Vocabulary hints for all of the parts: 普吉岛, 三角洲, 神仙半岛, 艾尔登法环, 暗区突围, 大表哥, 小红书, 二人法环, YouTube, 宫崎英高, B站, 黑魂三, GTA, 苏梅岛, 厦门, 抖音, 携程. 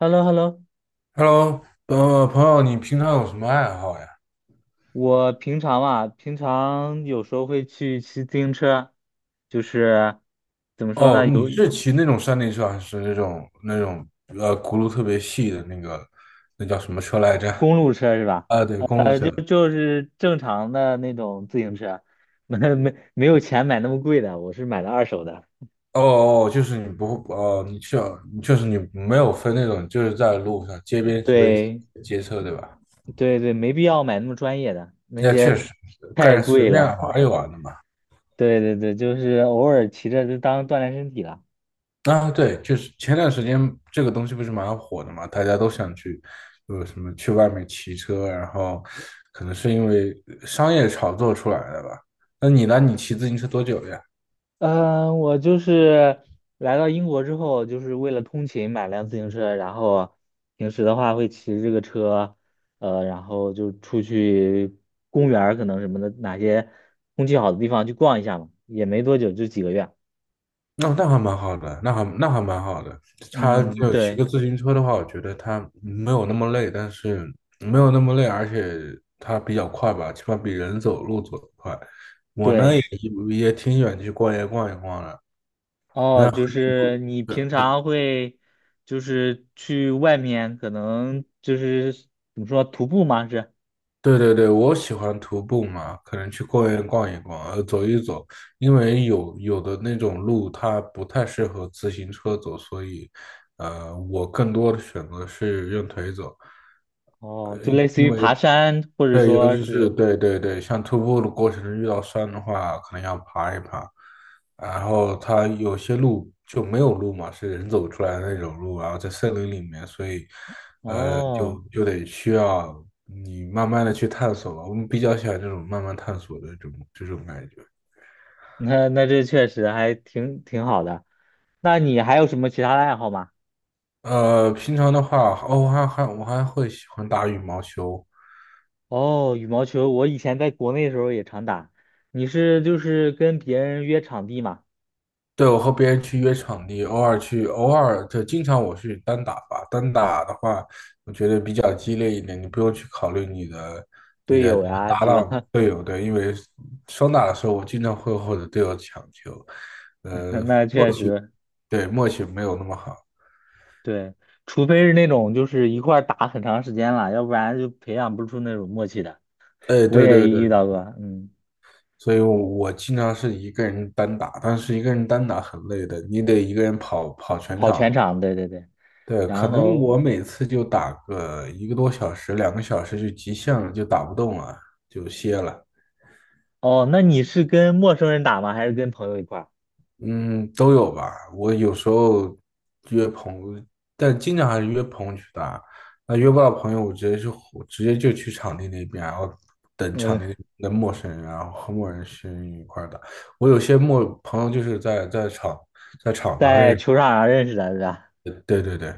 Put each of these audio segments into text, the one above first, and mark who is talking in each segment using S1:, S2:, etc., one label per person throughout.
S1: h e l l o h e l l o。
S2: Hello,朋友，你平常有什么爱好呀？
S1: 我平常啊，平常有时候会去骑自行车，就是
S2: 哦，你是骑那种山地车，还是那种轱辘特别细的那个，那叫什么车来着？
S1: 公路车是吧？
S2: 啊，对，公路
S1: 就
S2: 车。
S1: 就是正常的那种自行车，没有钱买那么贵的，我是买的二手的。
S2: 哦，就是你不会哦，你确就是你没有分那种，就是在路上街边随便骑
S1: 对
S2: 街车，对吧？
S1: 对对，没必要买那么专业的，那
S2: 那
S1: 些
S2: 确实，个
S1: 太
S2: 人随
S1: 贵
S2: 便
S1: 了。
S2: 玩一 玩的嘛。
S1: 对对对，就是偶尔骑着就当锻炼身体了。
S2: 啊，对，就是前段时间这个东西不是蛮火的嘛，大家都想去，有什么去外面骑车，然后可能是因为商业炒作出来的吧。那你呢？你骑自行车多久了呀？
S1: 嗯，我就是来到英国之后，就是为了通勤买辆自行车，然后平时的话会骑着这个车，然后就出去公园儿可能什么的，哪些空气好的地方去逛一下嘛，也没多久，就几个月。
S2: 那还蛮好的，那还蛮好的。他
S1: 嗯，
S2: 就骑
S1: 对
S2: 个自行车的话，我觉得他没有那么累，但是没有那么累，而且他比较快吧，起码比人走路走得快。我呢
S1: 对，
S2: 也挺喜欢去逛街逛一逛的。
S1: 哦，
S2: 那和
S1: 就
S2: 你
S1: 是
S2: 不
S1: 你平常会就是去外面，可能就是怎么说徒步吗？是。
S2: 对，我喜欢徒步嘛，可能去公园逛一逛，走一走，因为有的那种路它不太适合自行车走，所以，我更多的选择是用腿走，
S1: 哦，
S2: 呃，
S1: 就类似
S2: 因
S1: 于
S2: 为，
S1: 爬山，或者
S2: 对，尤
S1: 说
S2: 其
S1: 是。
S2: 是对，像徒步的过程中遇到山的话，可能要爬一爬，然后它有些路就没有路嘛，是人走出来的那种路，然后在森林里面，所以
S1: 哦。
S2: 就就得需要你慢慢的去探索吧。我们比较喜欢这种慢慢探索的这种感觉。
S1: 那那这确实还挺好的。那你还有什么其他的爱好吗？
S2: 平常的话，哦，我还会喜欢打羽毛球。
S1: 哦，羽毛球，我以前在国内的时候也常打。你是就是跟别人约场地嘛，
S2: 对，我和别人去约场地，偶尔去，偶尔就经常我去单打吧。单打的话，我觉得比较激烈一点，你不用去考虑你的、你
S1: 队
S2: 的、你
S1: 友
S2: 的
S1: 呀，
S2: 搭
S1: 是吧？
S2: 档队友，对，因为双打的时候，我经常会和我的队友抢球，呃，
S1: 那
S2: 默
S1: 确
S2: 契，
S1: 实，
S2: 对，默契没有那么好。
S1: 对，除非是那种就是一块儿打很长时间了，要不然就培养不出那种默契的。
S2: 哎，
S1: 我
S2: 对
S1: 也
S2: 对对，
S1: 遇到过，嗯，
S2: 所以我，我经常是一个人单打，但是一个人单打很累的，你得一个人跑全
S1: 跑
S2: 场。
S1: 全场，对对对。
S2: 对，可
S1: 然
S2: 能
S1: 后，
S2: 我每次就打个一个多小时、两个小时就极限了，就打不动了，就歇了。
S1: 哦，那你是跟陌生人打吗？还是跟朋友一块儿？
S2: 嗯，都有吧。我有时候约朋友，但经常还是约朋友去打。那约不到朋友，我直接就去场地那边，然后等场
S1: 嗯，
S2: 地的陌生人，然后和陌生人一块儿打。我有些陌朋友就是在场子上
S1: 在球
S2: 是。
S1: 场上认识的，是吧？
S2: 对对对，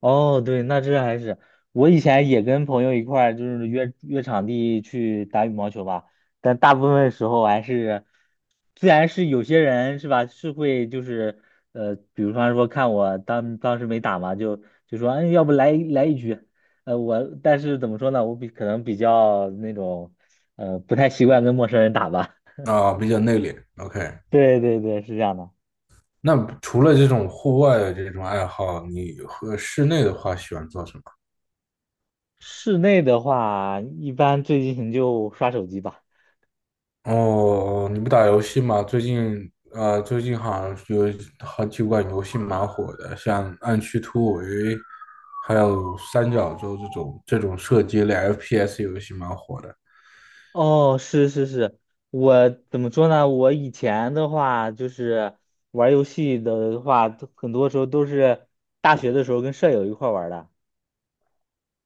S1: 哦，对，那这还是我以前也跟朋友一块儿就是约场地去打羽毛球吧，但大部分时候还是，自然是有些人是吧，是会就是比如方说看我当时没打嘛，就说哎，要不来一局，呃，我但是怎么说呢，我比可能比较那种不太习惯跟陌生人打吧，
S2: 啊，比较内敛。OK，
S1: 对对对，是这样的。
S2: 那除了这种户外的这种爱好，你和室内的话喜欢做什么？
S1: 室内的话，一般最近就刷手机吧。
S2: 哦，你不打游戏吗？最近，最近好像有好几款游戏蛮火的，像《暗区突围》，还有《三角洲》这种射击类 FPS 游戏蛮火的。
S1: 哦，是是是，我怎么说呢？我以前的话就是玩儿游戏的话，都很多时候都是大学的时候跟舍友一块儿玩儿的。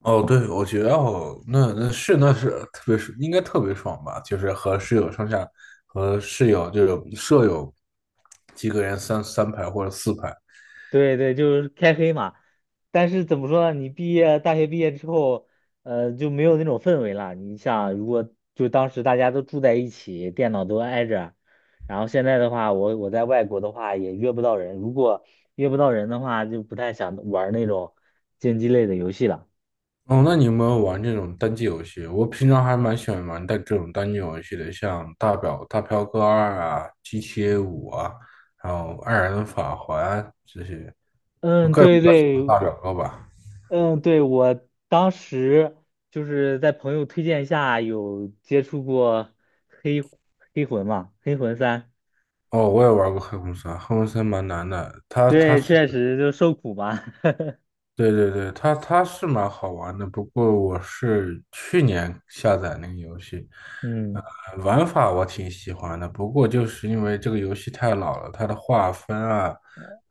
S2: 哦，对，我觉得哦，那是特别是应该特别爽吧，就是和室友这种舍友几个人三三排或者四排。
S1: 对对，就是开黑嘛。但是怎么说呢？你毕业，大学毕业之后，就没有那种氛围了。你想，如果就当时大家都住在一起，电脑都挨着，然后现在的话，我在外国的话也约不到人。如果约不到人的话，就不太想玩儿那种竞技类的游戏了。
S2: 哦，那你有没有玩这种单机游戏？我平常还蛮喜欢玩但这种单机游戏的，像大表哥二啊、GTA 五啊，还有二人法环这些。我
S1: 嗯，
S2: 个人比
S1: 对
S2: 较喜
S1: 对，
S2: 欢大表哥吧。
S1: 嗯，对，我当时就是在朋友推荐下有接触过黑黑魂嘛，黑魂三，
S2: 哦，我也玩过黑魂三，黑魂三蛮难的，它它
S1: 对，
S2: 是
S1: 确实就受苦嘛，
S2: 对，它它是蛮好玩的，不过我是去年下载那个游戏，呃，
S1: 嗯，
S2: 玩法我挺喜欢的，不过就是因为这个游戏太老了，它的画风啊，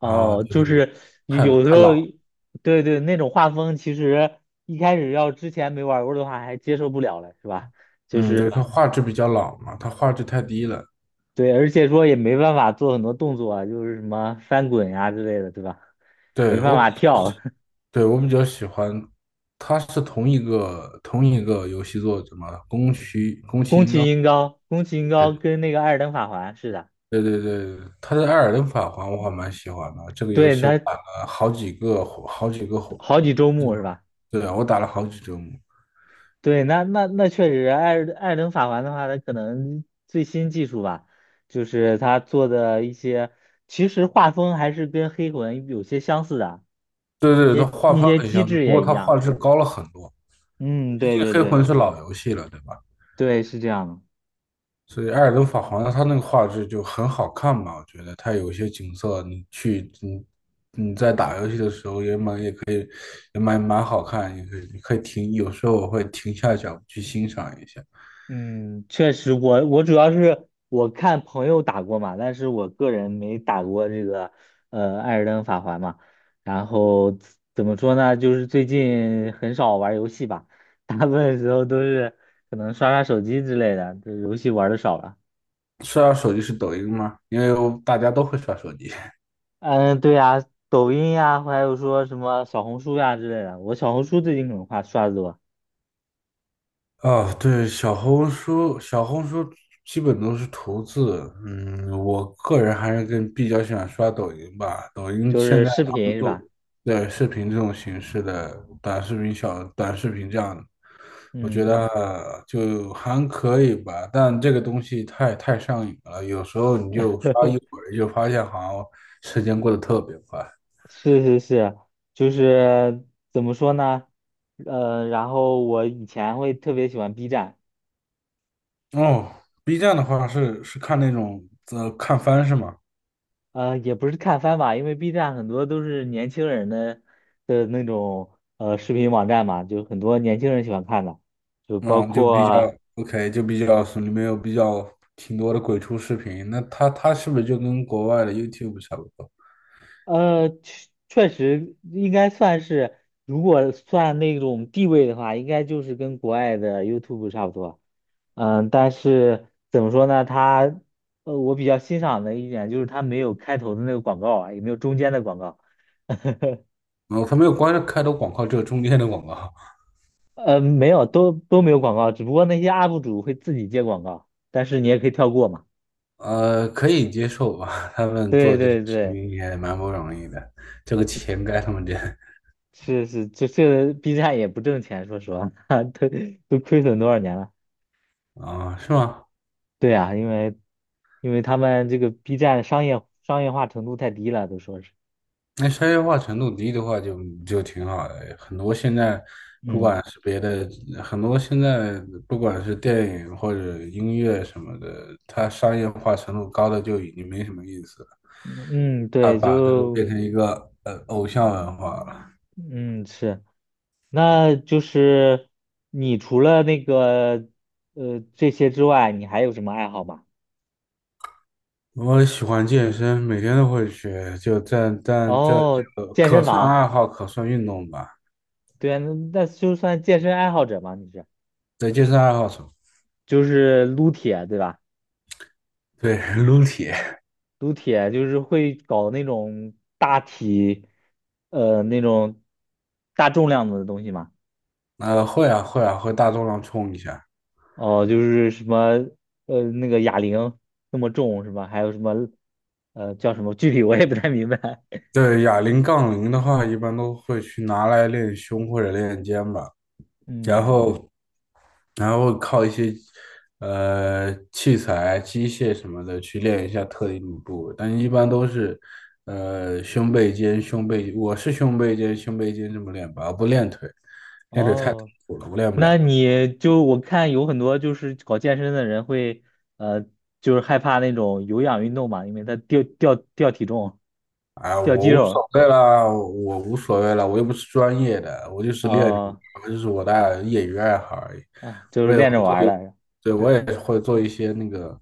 S2: 然后就
S1: 就
S2: 是
S1: 是有
S2: 太
S1: 有时
S2: 太
S1: 候，
S2: 老，
S1: 对对，那种画风其实一开始要之前没玩过的话还接受不了了，是吧？就
S2: 嗯，
S1: 是
S2: 对，它画质比较老嘛，它画质太低了。
S1: 对，而且说也没办法做很多动作啊，就是什么翻滚呀、之类的，对吧？没
S2: 对，
S1: 办
S2: 我
S1: 法
S2: 比，
S1: 跳，
S2: 对，我比较喜欢，它是同一个游戏作者嘛，宫崎宫崎
S1: 宫
S2: 英高。
S1: 崎英高，宫崎英高跟那个《艾尔登法环》是的，
S2: 对对对，他的《艾尔登法环》我还蛮喜欢的，这个游
S1: 对，
S2: 戏我
S1: 他
S2: 打了好几个火好几个
S1: 好几周
S2: 对，
S1: 目是吧？
S2: 对啊，我打了好几周目。
S1: 对，那那那确实，艾尔登法环的话，他可能最新技术吧，就是他做的一些，其实画风还是跟黑魂有些相似的，
S2: 对
S1: 一
S2: 对，它
S1: 些
S2: 画
S1: 一
S2: 风
S1: 些
S2: 很
S1: 机
S2: 相似，
S1: 制
S2: 不过
S1: 也一
S2: 它画
S1: 样。
S2: 质高了很多，
S1: 嗯，
S2: 毕
S1: 对
S2: 竟
S1: 对
S2: 《黑魂》
S1: 对
S2: 是老游戏了，对吧？
S1: 对，是这样的。
S2: 所以《艾尔登法环》它那个画质就很好看嘛。我觉得它有一些景色，你去你你在打游戏的时候也蛮好看，你可以停，有时候我会停下脚步去欣赏一下。
S1: 嗯，确实我，我主要是我看朋友打过嘛，但是我个人没打过这个《艾尔登法环》嘛。然后怎么说呢，就是最近很少玩游戏吧，大部分时候都是可能刷手机之类的，这游戏玩的少了。
S2: 刷手机是抖音吗？因为我大家都会刷手机。
S1: 嗯，对呀，抖音呀，还有说什么小红书呀之类的，我小红书最近可能刷的多，
S2: 啊，对，小红书，小红书基本都是图字。嗯，我个人还是更比较喜欢刷抖音吧。抖音
S1: 就
S2: 现
S1: 是
S2: 在
S1: 视频是吧？
S2: 的视频这种形式的短视频小、短视频这样的，我觉
S1: 嗯。
S2: 得就还可以吧。但这个东西太上瘾了，有时候你就刷一会儿，就发现好像时间过得特别快。
S1: 是是是，就是怎么说呢？然后我以前会特别喜欢 B 站，
S2: 哦，B 站的话是看那种看番是吗？
S1: 呃，也不是看番吧，因为 B 站很多都是年轻人的那种视频网站嘛，就很多年轻人喜欢看的，就包
S2: 嗯，就比较
S1: 括
S2: OK，就比较是里面有比较挺多的鬼畜视频。那它它是不是就跟国外的 YouTube 差不多？
S1: 确实应该算是，如果算那种地位的话，应该就是跟国外的 YouTube 差不多。嗯，但是怎么说呢？它，我比较欣赏的一点就是它没有开头的那个广告啊，也没有中间的广告，
S2: 哦，它没有开头广告，只有中间的广告。
S1: 呃，没有，都没有广告，只不过那些 UP 主会自己接广告，但是你也可以跳过嘛。
S2: 呃，可以接受吧？他们
S1: 对
S2: 做这些
S1: 对
S2: 视
S1: 对，
S2: 频也蛮不容易的，这个钱该他们挣
S1: 是是，这这 B 站也不挣钱，说实话，都都亏损多少年了？
S2: 啊，是吗？
S1: 对啊，因为因为他们这个 B 站商业化程度太低了，都说是，
S2: 那商业化程度低的话就，就挺好的。很多现在，不
S1: 嗯
S2: 管是别的，很多现在不管是电影或者音乐什么的，它商业化程度高的就已经没什么意思了。
S1: 嗯，
S2: 它
S1: 对，
S2: 把这个
S1: 就
S2: 变成一个偶像文化了。
S1: 嗯是。那就是你除了那个这些之外，你还有什么爱好吗？
S2: 我喜欢健身，每天都会去，就但这这
S1: 哦，
S2: 个
S1: 健
S2: 可
S1: 身
S2: 算
S1: 房，
S2: 爱好，可算运动吧。
S1: 对啊，那那就算健身爱好者嘛，你是
S2: 对，健身爱好者，
S1: 就是撸铁对吧？
S2: 对，撸铁，
S1: 撸铁就是会搞那种那种大重量的东西嘛。
S2: 会啊，会大重量冲一下。
S1: 哦，就是什么那个哑铃那么重是吧？还有什么呃叫什么？具体我也不太明白。
S2: 对，哑铃、杠铃的话，一般都会去拿来练胸或者练肩吧，然
S1: 嗯，
S2: 后然后靠一些器材、机械什么的去练一下特定的部位，但一般都是呃胸背肩、胸背，我是胸背肩、胸背肩这么练吧，我不练腿，练腿太痛
S1: 哦。
S2: 苦了，我练不
S1: 那
S2: 了。
S1: 你就我看有很多就是搞健身的人会，呃，就是害怕那种有氧运动嘛，因为他掉体重、
S2: 哎，
S1: 掉肌肉，
S2: 我无所谓啦，我又不是专业的，
S1: 啊、
S2: 我就是我的业余爱好而已。
S1: 啊，就
S2: 我
S1: 是
S2: 也
S1: 练着
S2: 会
S1: 玩
S2: 做，
S1: 儿的。
S2: 对，我也会做一些那个，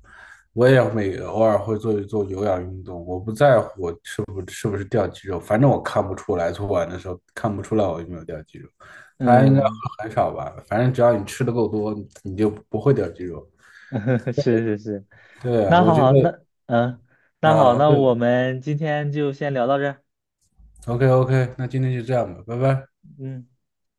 S2: 我也每偶尔会做一做有氧运动。我不在乎我是不是掉肌肉，反正我看不出来，做完的时候看不出来我有没有掉肌肉。它应该会
S1: 嗯，
S2: 很少吧，反正只要你吃的够多，你就不会掉肌肉。
S1: 是是是。
S2: 对啊，
S1: 那
S2: 我觉
S1: 好，
S2: 得，
S1: 那嗯，那好，
S2: 啊，
S1: 那我
S2: 对
S1: 们今天就先聊到这儿。
S2: ，OK OK，那今天就这样吧，拜拜。
S1: 嗯。